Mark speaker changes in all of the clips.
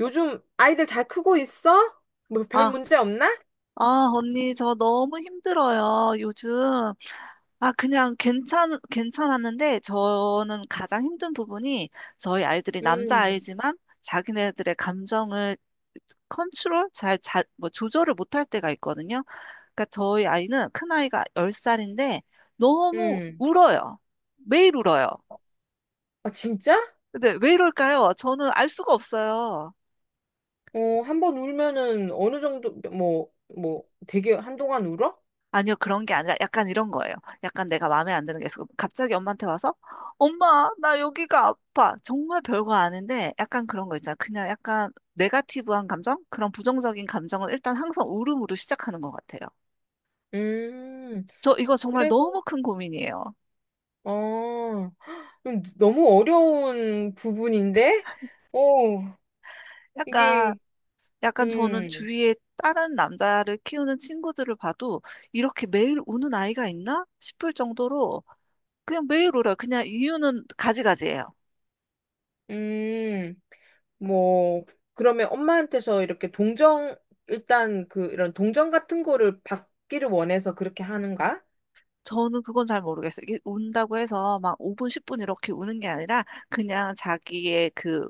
Speaker 1: 요즘 아이들 잘 크고 있어? 뭐 별
Speaker 2: 아,
Speaker 1: 문제 없나?
Speaker 2: 아, 언니, 저 너무 힘들어요, 요즘. 아, 그냥 괜찮았는데, 저는 가장 힘든 부분이 저희 아이들이
Speaker 1: 음,
Speaker 2: 남자아이지만 자기네들의 감정을 컨트롤, 잘, 자, 뭐, 조절을 못할 때가 있거든요. 그러니까 저희 아이는 큰아이가 10살인데 너무
Speaker 1: 음.
Speaker 2: 울어요. 매일 울어요.
Speaker 1: 아, 진짜?
Speaker 2: 근데 왜 이럴까요? 저는 알 수가 없어요.
Speaker 1: 어, 한번 울면은 어느 정도, 뭐, 뭐, 되게 한동안 울어?
Speaker 2: 아니요, 그런 게 아니라 약간 이런 거예요. 약간 내가 마음에 안 드는 게 있어. 갑자기 엄마한테 와서, 엄마, 나 여기가 아파. 정말 별거 아닌데, 약간 그런 거 있잖아. 그냥 약간 네가티브한 감정? 그런 부정적인 감정은 일단 항상 울음으로 시작하는 것 같아요.
Speaker 1: 음,
Speaker 2: 저 이거 정말
Speaker 1: 그래도,
Speaker 2: 너무 큰 고민이에요.
Speaker 1: 어, 너무 어려운 부분인데? 어,
Speaker 2: 약간,
Speaker 1: 이게,
Speaker 2: 약간 저는
Speaker 1: 음,
Speaker 2: 주위에 다른 남자를 키우는 친구들을 봐도 이렇게 매일 우는 아이가 있나 싶을 정도로 그냥 매일 울어요. 그냥 이유는 가지가지예요.
Speaker 1: 음, 뭐, 그러면 엄마한테서 이렇게 동정, 일단 그, 이런 동정 같은 거를 받기를 원해서 그렇게 하는가?
Speaker 2: 저는 그건 잘 모르겠어요. 이게 운다고 해서 막 5분, 10분 이렇게 우는 게 아니라 그냥 자기의 그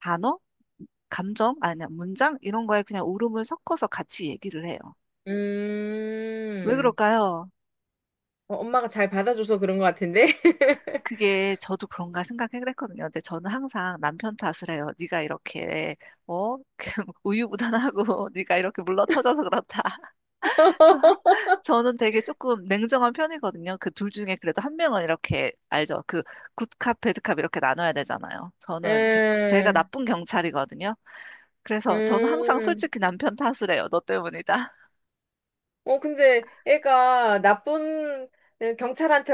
Speaker 2: 단어, 감정, 아니, 문장 이런 거에 그냥 울음을 섞어서 같이 얘기를 해요. 왜
Speaker 1: 음,
Speaker 2: 그럴까요?
Speaker 1: 어, 엄마가 잘 받아줘서 그런 것 같은데?
Speaker 2: 그게 저도 그런가 생각했거든요. 근데 저는 항상 남편 탓을 해요. 네가 이렇게 어? 우유부단하고 네가 이렇게 물러터져서 그렇다. 저- 저는 되게 조금 냉정한 편이거든요. 그 둘 중에 그래도 한 명은 이렇게 알죠. 그 굿캅, 배드캅 이렇게 나눠야 되잖아요. 저는 제가
Speaker 1: 음,
Speaker 2: 나쁜 경찰이거든요. 그래서 저는 항상
Speaker 1: 음.
Speaker 2: 솔직히 남편 탓을 해요. 너 때문이다.
Speaker 1: 어, 근데 애가 나쁜 응, 경찰한테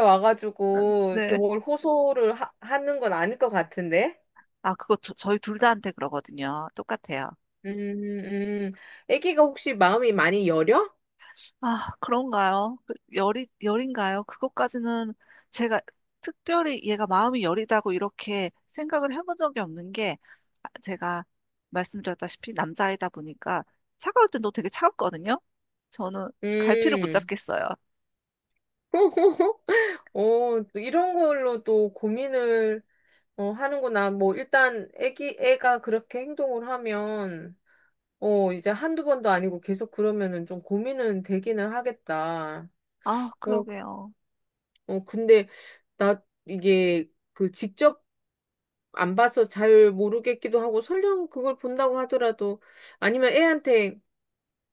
Speaker 1: 와가지고 이렇게
Speaker 2: 네.
Speaker 1: 뭘 호소를 하는 건 아닐 것 같은데?
Speaker 2: 아, 그거 저희 둘 다한테 그러거든요. 똑같아요.
Speaker 1: 음, 음. 애기가 혹시 마음이 많이 여려?
Speaker 2: 아, 그런가요? 그 열인가요? 그것까지는 제가 특별히 얘가 마음이 여리다고 이렇게 생각을 해본 적이 없는 게 아, 제가 말씀드렸다시피 남자이다 보니까 차가울 땐 너 되게 차갑거든요? 저는 갈피를 못
Speaker 1: 음.
Speaker 2: 잡겠어요.
Speaker 1: 어, 또 이런 걸로 또 고민을 어, 하는구나. 뭐, 일단 애기, 애가 그렇게 행동을 하면 어, 이제 한두 번도 아니고 계속 그러면은 좀 고민은 되기는 하겠다.
Speaker 2: 아,
Speaker 1: 어,
Speaker 2: 그러게요.
Speaker 1: 어, 근데 나 이게 그 직접 안 봐서 잘 모르겠기도 하고 설령 그걸 본다고 하더라도 아니면 애한테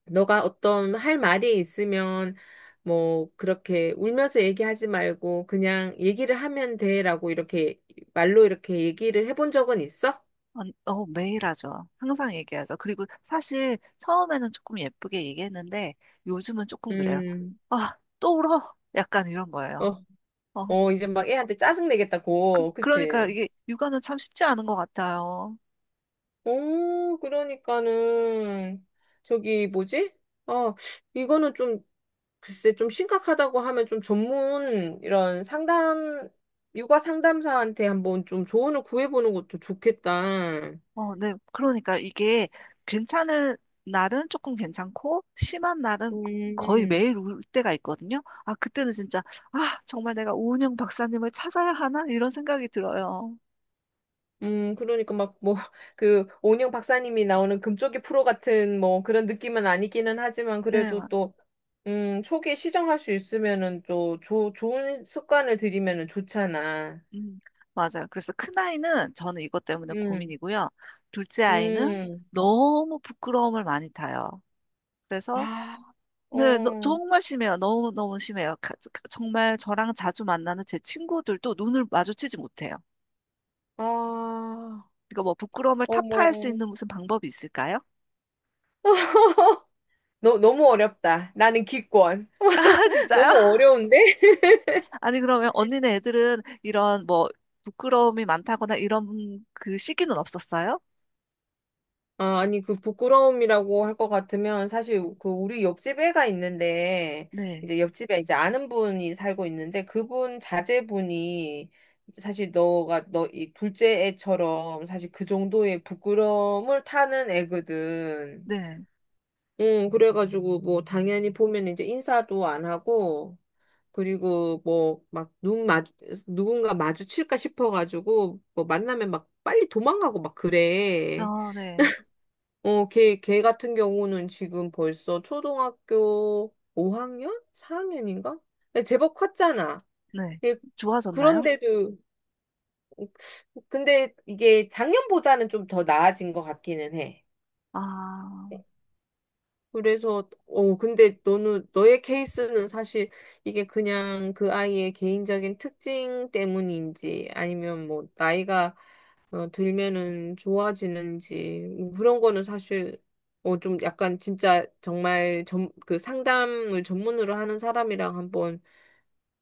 Speaker 1: 너가 어떤 할 말이 있으면 뭐 그렇게 울면서 얘기하지 말고 그냥 얘기를 하면 돼라고 이렇게 말로 이렇게 얘기를 해본 적은 있어?
Speaker 2: 어, 매일 하죠. 항상 얘기하죠. 그리고 사실 처음에는 조금 예쁘게 얘기했는데 요즘은 조금 그래요.
Speaker 1: 음,
Speaker 2: 아, 또 울어? 약간 이런 거예요.
Speaker 1: 어,
Speaker 2: 어,
Speaker 1: 어, 이제 막 애한테 짜증 내겠다고,
Speaker 2: 그러니까
Speaker 1: 그치?
Speaker 2: 이게 육아는 참 쉽지 않은 것 같아요.
Speaker 1: 오, 그러니까는, 저기, 뭐지? 아, 이거는 좀, 글쎄, 좀 심각하다고 하면 좀 전문, 이런 상담, 육아 상담사한테 한번 좀 조언을 구해보는 것도 좋겠다.
Speaker 2: 어, 네. 그러니까 이게 괜찮을 날은 조금 괜찮고 심한 날은 거의
Speaker 1: 음,
Speaker 2: 매일 울 때가 있거든요. 아, 그때는 진짜 아, 정말 내가 오은영 박사님을 찾아야 하나? 이런 생각이 들어요.
Speaker 1: 그러니까 막, 뭐, 그, 오은영 박사님이 나오는 금쪽이 프로 같은, 뭐, 그런 느낌은 아니기는 하지만,
Speaker 2: 네,
Speaker 1: 그래도 또, 초기에 시정할 수 있으면은 또, 조, 좋은 습관을 들이면은 좋잖아.
Speaker 2: 음, 맞아요. 그래서 큰아이는 저는 이것 때문에
Speaker 1: 음,
Speaker 2: 고민이고요. 둘째 아이는
Speaker 1: 음.
Speaker 2: 너무 부끄러움을 많이 타요. 그래서
Speaker 1: 아,
Speaker 2: 네, 너,
Speaker 1: 어,
Speaker 2: 정말 심해요. 너무너무 심해요. 정말 저랑 자주 만나는 제 친구들도 눈을 마주치지 못해요.
Speaker 1: 아,
Speaker 2: 그러니까 뭐 부끄러움을 타파할 수
Speaker 1: 어머.
Speaker 2: 있는 무슨 방법이 있을까요?
Speaker 1: 너무 어렵다. 나는 기권.
Speaker 2: 아, 진짜요?
Speaker 1: 너무 어려운데?
Speaker 2: 아니, 그러면 언니네 애들은 이런 뭐 부끄러움이 많다거나 이런 그 시기는 없었어요?
Speaker 1: 아, 아니, 그 부끄러움이라고 할 것 같으면 사실 그 우리 옆집 애가 있는데,
Speaker 2: 네,
Speaker 1: 이제 옆집에 이제 아는 분이 살고 있는데, 그분 자제분이 사실 너가, 너 이 둘째 애처럼 사실 그 정도의 부끄러움을 타는 애거든.
Speaker 2: 네,
Speaker 1: 응, 그래가지고 뭐 당연히 보면 이제 인사도 안 하고, 그리고 뭐 막 눈 마주 누군가 마주칠까 싶어가지고 뭐 만나면 막 빨리 도망가고 막 그래.
Speaker 2: 아, 네,
Speaker 1: 어, 걔 같은 경우는 지금 벌써 초등학교 5학년? 4학년인가? 제법 컸잖아.
Speaker 2: 네.
Speaker 1: 예,
Speaker 2: 좋아졌나요?
Speaker 1: 그런데도 근데 이게 작년보다는 좀 더 나아진 것 같기는 해.
Speaker 2: 아,
Speaker 1: 그래서 어 근데 너는 너의 케이스는 사실 이게 그냥 그 아이의 개인적인 특징 때문인지 아니면 뭐 나이가 어, 들면은 좋아지는지 뭐 그런 거는 사실 어 좀 약간 진짜 정말 전 그 상담을 전문으로 하는 사람이랑 한번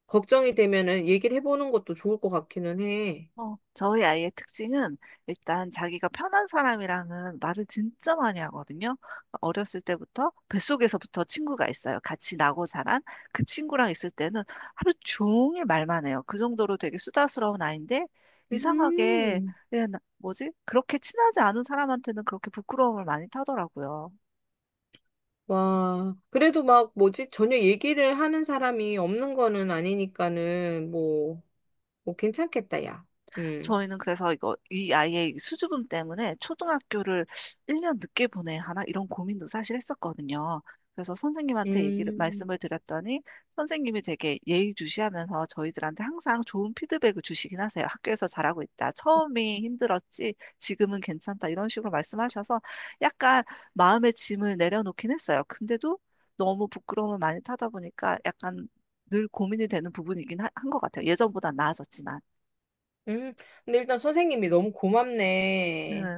Speaker 1: 걱정이 되면은 얘기를 해보는 것도 좋을 것 같기는 해.
Speaker 2: 어, 저희 아이의 특징은 일단 자기가 편한 사람이랑은 말을 진짜 많이 하거든요. 어렸을 때부터 뱃속에서부터 친구가 있어요. 같이 나고 자란 그 친구랑 있을 때는 하루 종일 말만 해요. 그 정도로 되게 수다스러운 아이인데 이상하게
Speaker 1: 음.
Speaker 2: 예, 뭐지? 그렇게 친하지 않은 사람한테는 그렇게 부끄러움을 많이 타더라고요.
Speaker 1: 와, 그래도 막 뭐지? 전혀 얘기를 하는 사람이 없는 거는 아니니까는 뭐 오, 괜찮겠다, 야. 음.
Speaker 2: 저희는 그래서 이거 이 아이의 수주금 때문에 초등학교를 1년 늦게 보내야 하나 이런 고민도 사실 했었거든요. 그래서 선생님한테 얘기를
Speaker 1: 음.
Speaker 2: 말씀을 드렸더니 선생님이 되게 예의주시하면서 저희들한테 항상 좋은 피드백을 주시긴 하세요. 학교에서 잘하고 있다. 처음이 힘들었지. 지금은 괜찮다. 이런 식으로 말씀하셔서 약간 마음의 짐을 내려놓긴 했어요. 근데도 너무 부끄러움을 많이 타다 보니까 약간 늘 고민이 되는 부분이긴 한 것 같아요. 예전보다 나아졌지만.
Speaker 1: 음. 근데 일단 선생님이 너무
Speaker 2: 네.
Speaker 1: 고맙네.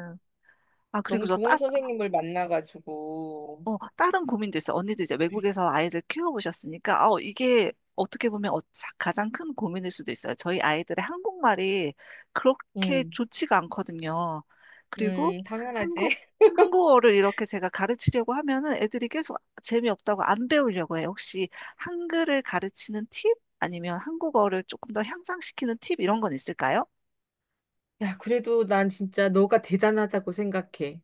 Speaker 2: 아, 그리고
Speaker 1: 너무 좋은 선생님을 만나가지고.
Speaker 2: 어, 다른 고민도 있어요. 언니도 이제 외국에서 아이를 키워보셨으니까, 어, 이게 어떻게 보면 어, 가장 큰 고민일 수도 있어요. 저희 아이들의 한국말이 그렇게
Speaker 1: 음.
Speaker 2: 좋지가 않거든요. 그리고
Speaker 1: 당연하지.
Speaker 2: 한국, 한국어를 이렇게 제가 가르치려고 하면은 애들이 계속 재미없다고 안 배우려고 해요. 혹시 한글을 가르치는 팁? 아니면 한국어를 조금 더 향상시키는 팁? 이런 건 있을까요?
Speaker 1: 야, 그래도 난 진짜 너가 대단하다고 생각해.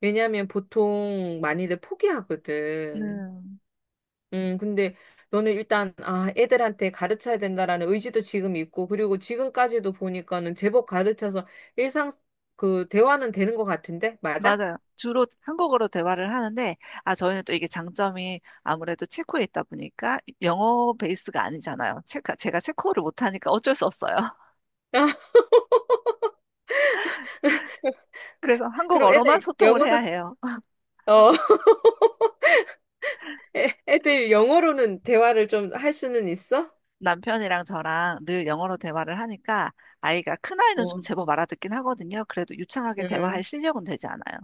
Speaker 1: 왜냐면 보통 많이들 포기하거든.
Speaker 2: 네.
Speaker 1: 근데 너는 일단, 아, 애들한테 가르쳐야 된다라는 의지도 지금 있고, 그리고 지금까지도 보니까는 제법 가르쳐서 일상, 그, 대화는 되는 것 같은데? 맞아?
Speaker 2: 맞아요. 주로 한국어로 대화를 하는데, 아, 저희는 또 이게 장점이 아무래도 체코에 있다 보니까 영어 베이스가 아니잖아요. 제가 체코어를 못하니까 어쩔 수 없어요. 그래서
Speaker 1: 그럼
Speaker 2: 한국어로만
Speaker 1: 애들
Speaker 2: 소통을 해야
Speaker 1: 영어도,
Speaker 2: 해요.
Speaker 1: 어, 애들 영어로는 대화를 좀 할 수는 있어?
Speaker 2: 남편이랑 저랑 늘 영어로 대화를 하니까 아이가 큰아이는 좀
Speaker 1: 어,
Speaker 2: 제법 알아듣긴 하거든요. 그래도 유창하게 대화할
Speaker 1: 응.
Speaker 2: 실력은 되지 않아요.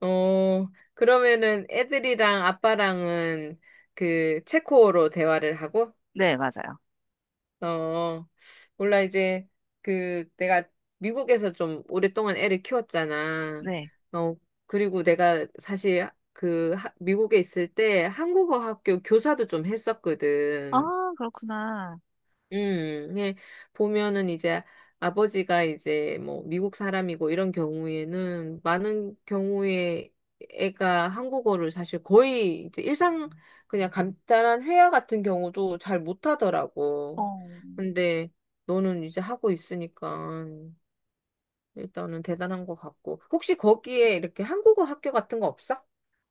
Speaker 1: 어, 그러면은 애들이랑 아빠랑은 그 체코어로 대화를 하고,
Speaker 2: 네, 맞아요.
Speaker 1: 어, 몰라, 이제 그 내가 미국에서 좀 오랫동안 애를 키웠잖아.
Speaker 2: 네.
Speaker 1: 어, 그리고 내가 사실 그 미국에 있을 때 한국어 학교 교사도 좀 했었거든.
Speaker 2: 아, 그렇구나.
Speaker 1: 예, 보면은 이제 아버지가 이제 뭐 미국 사람이고 이런 경우에는 많은 경우에 애가 한국어를 사실 거의 이제 일상 그냥 간단한 회화 같은 경우도 잘 못하더라고.
Speaker 2: 어.
Speaker 1: 근데 너는 이제 하고 있으니까 일단은 대단한 것 같고. 혹시 거기에 이렇게 한국어 학교 같은 거 없어?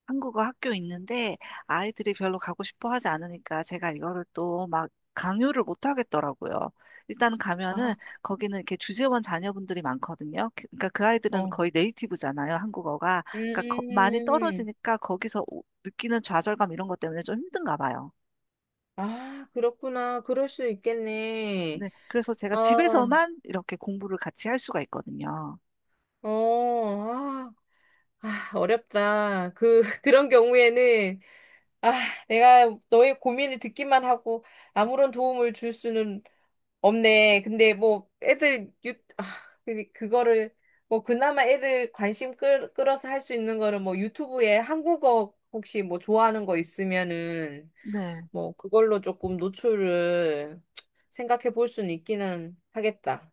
Speaker 2: 한국어 학교 있는데 아이들이 별로 가고 싶어 하지 않으니까 제가 이거를 또 막 강요를 못 하겠더라고요. 일단 가면은
Speaker 1: 아,
Speaker 2: 거기는 이렇게 주재원 자녀분들이 많거든요. 그러니까 그 아이들은
Speaker 1: 어.
Speaker 2: 거의 네이티브잖아요, 한국어가. 그러니까 많이
Speaker 1: 음,
Speaker 2: 떨어지니까 거기서 느끼는 좌절감 이런 것 때문에 좀 힘든가 봐요.
Speaker 1: 아, 그렇구나. 그럴 수 있겠네.
Speaker 2: 네, 그래서 제가
Speaker 1: 아,
Speaker 2: 집에서만 이렇게 공부를 같이 할 수가 있거든요.
Speaker 1: 어, 아, 아, 어렵다. 그, 그런 경우에는, 아, 내가 너의 고민을 듣기만 하고 아무런 도움을 줄 수는 없네. 근데 뭐, 애들, 유, 아, 그 그거를, 뭐, 그나마 애들 관심 끌, 끌어서 할 수 있는 거는 뭐, 유튜브에 한국어 혹시 뭐, 좋아하는 거 있으면은,
Speaker 2: 네.
Speaker 1: 뭐, 그걸로 조금 노출을 생각해 볼 수는 있기는 하겠다.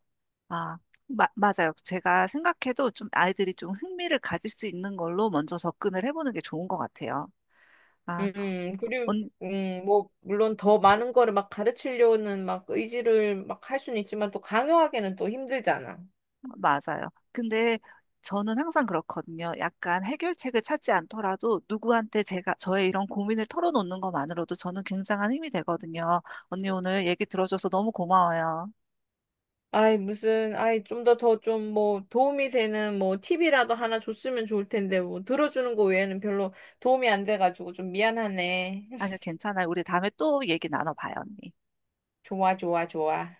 Speaker 2: 아, 맞아요. 제가 생각해도 좀 아이들이 좀 흥미를 가질 수 있는 걸로 먼저 접근을 해보는 게 좋은 것 같아요. 아,
Speaker 1: 그리고,
Speaker 2: 언,
Speaker 1: 뭐, 물론 더 많은 거를 막 가르치려는 막 의지를 막 할 수는 있지만 또 강요하기는 또 힘들잖아.
Speaker 2: 맞아요. 근데 저는 항상 그렇거든요. 약간 해결책을 찾지 않더라도 누구한테 제가 저의 이런 고민을 털어놓는 것만으로도 저는 굉장한 힘이 되거든요. 언니 오늘 얘기 들어줘서 너무 고마워요.
Speaker 1: 아이, 무슨, 아이, 좀 더 더 좀 뭐 도움이 되는 뭐 팁이라도 하나 줬으면 좋을 텐데 뭐 들어주는 거 외에는 별로 도움이 안 돼가지고 좀 미안하네.
Speaker 2: 아니요, 괜찮아요. 우리 다음에 또 얘기 나눠봐요, 언니.
Speaker 1: 좋아, 좋아, 좋아.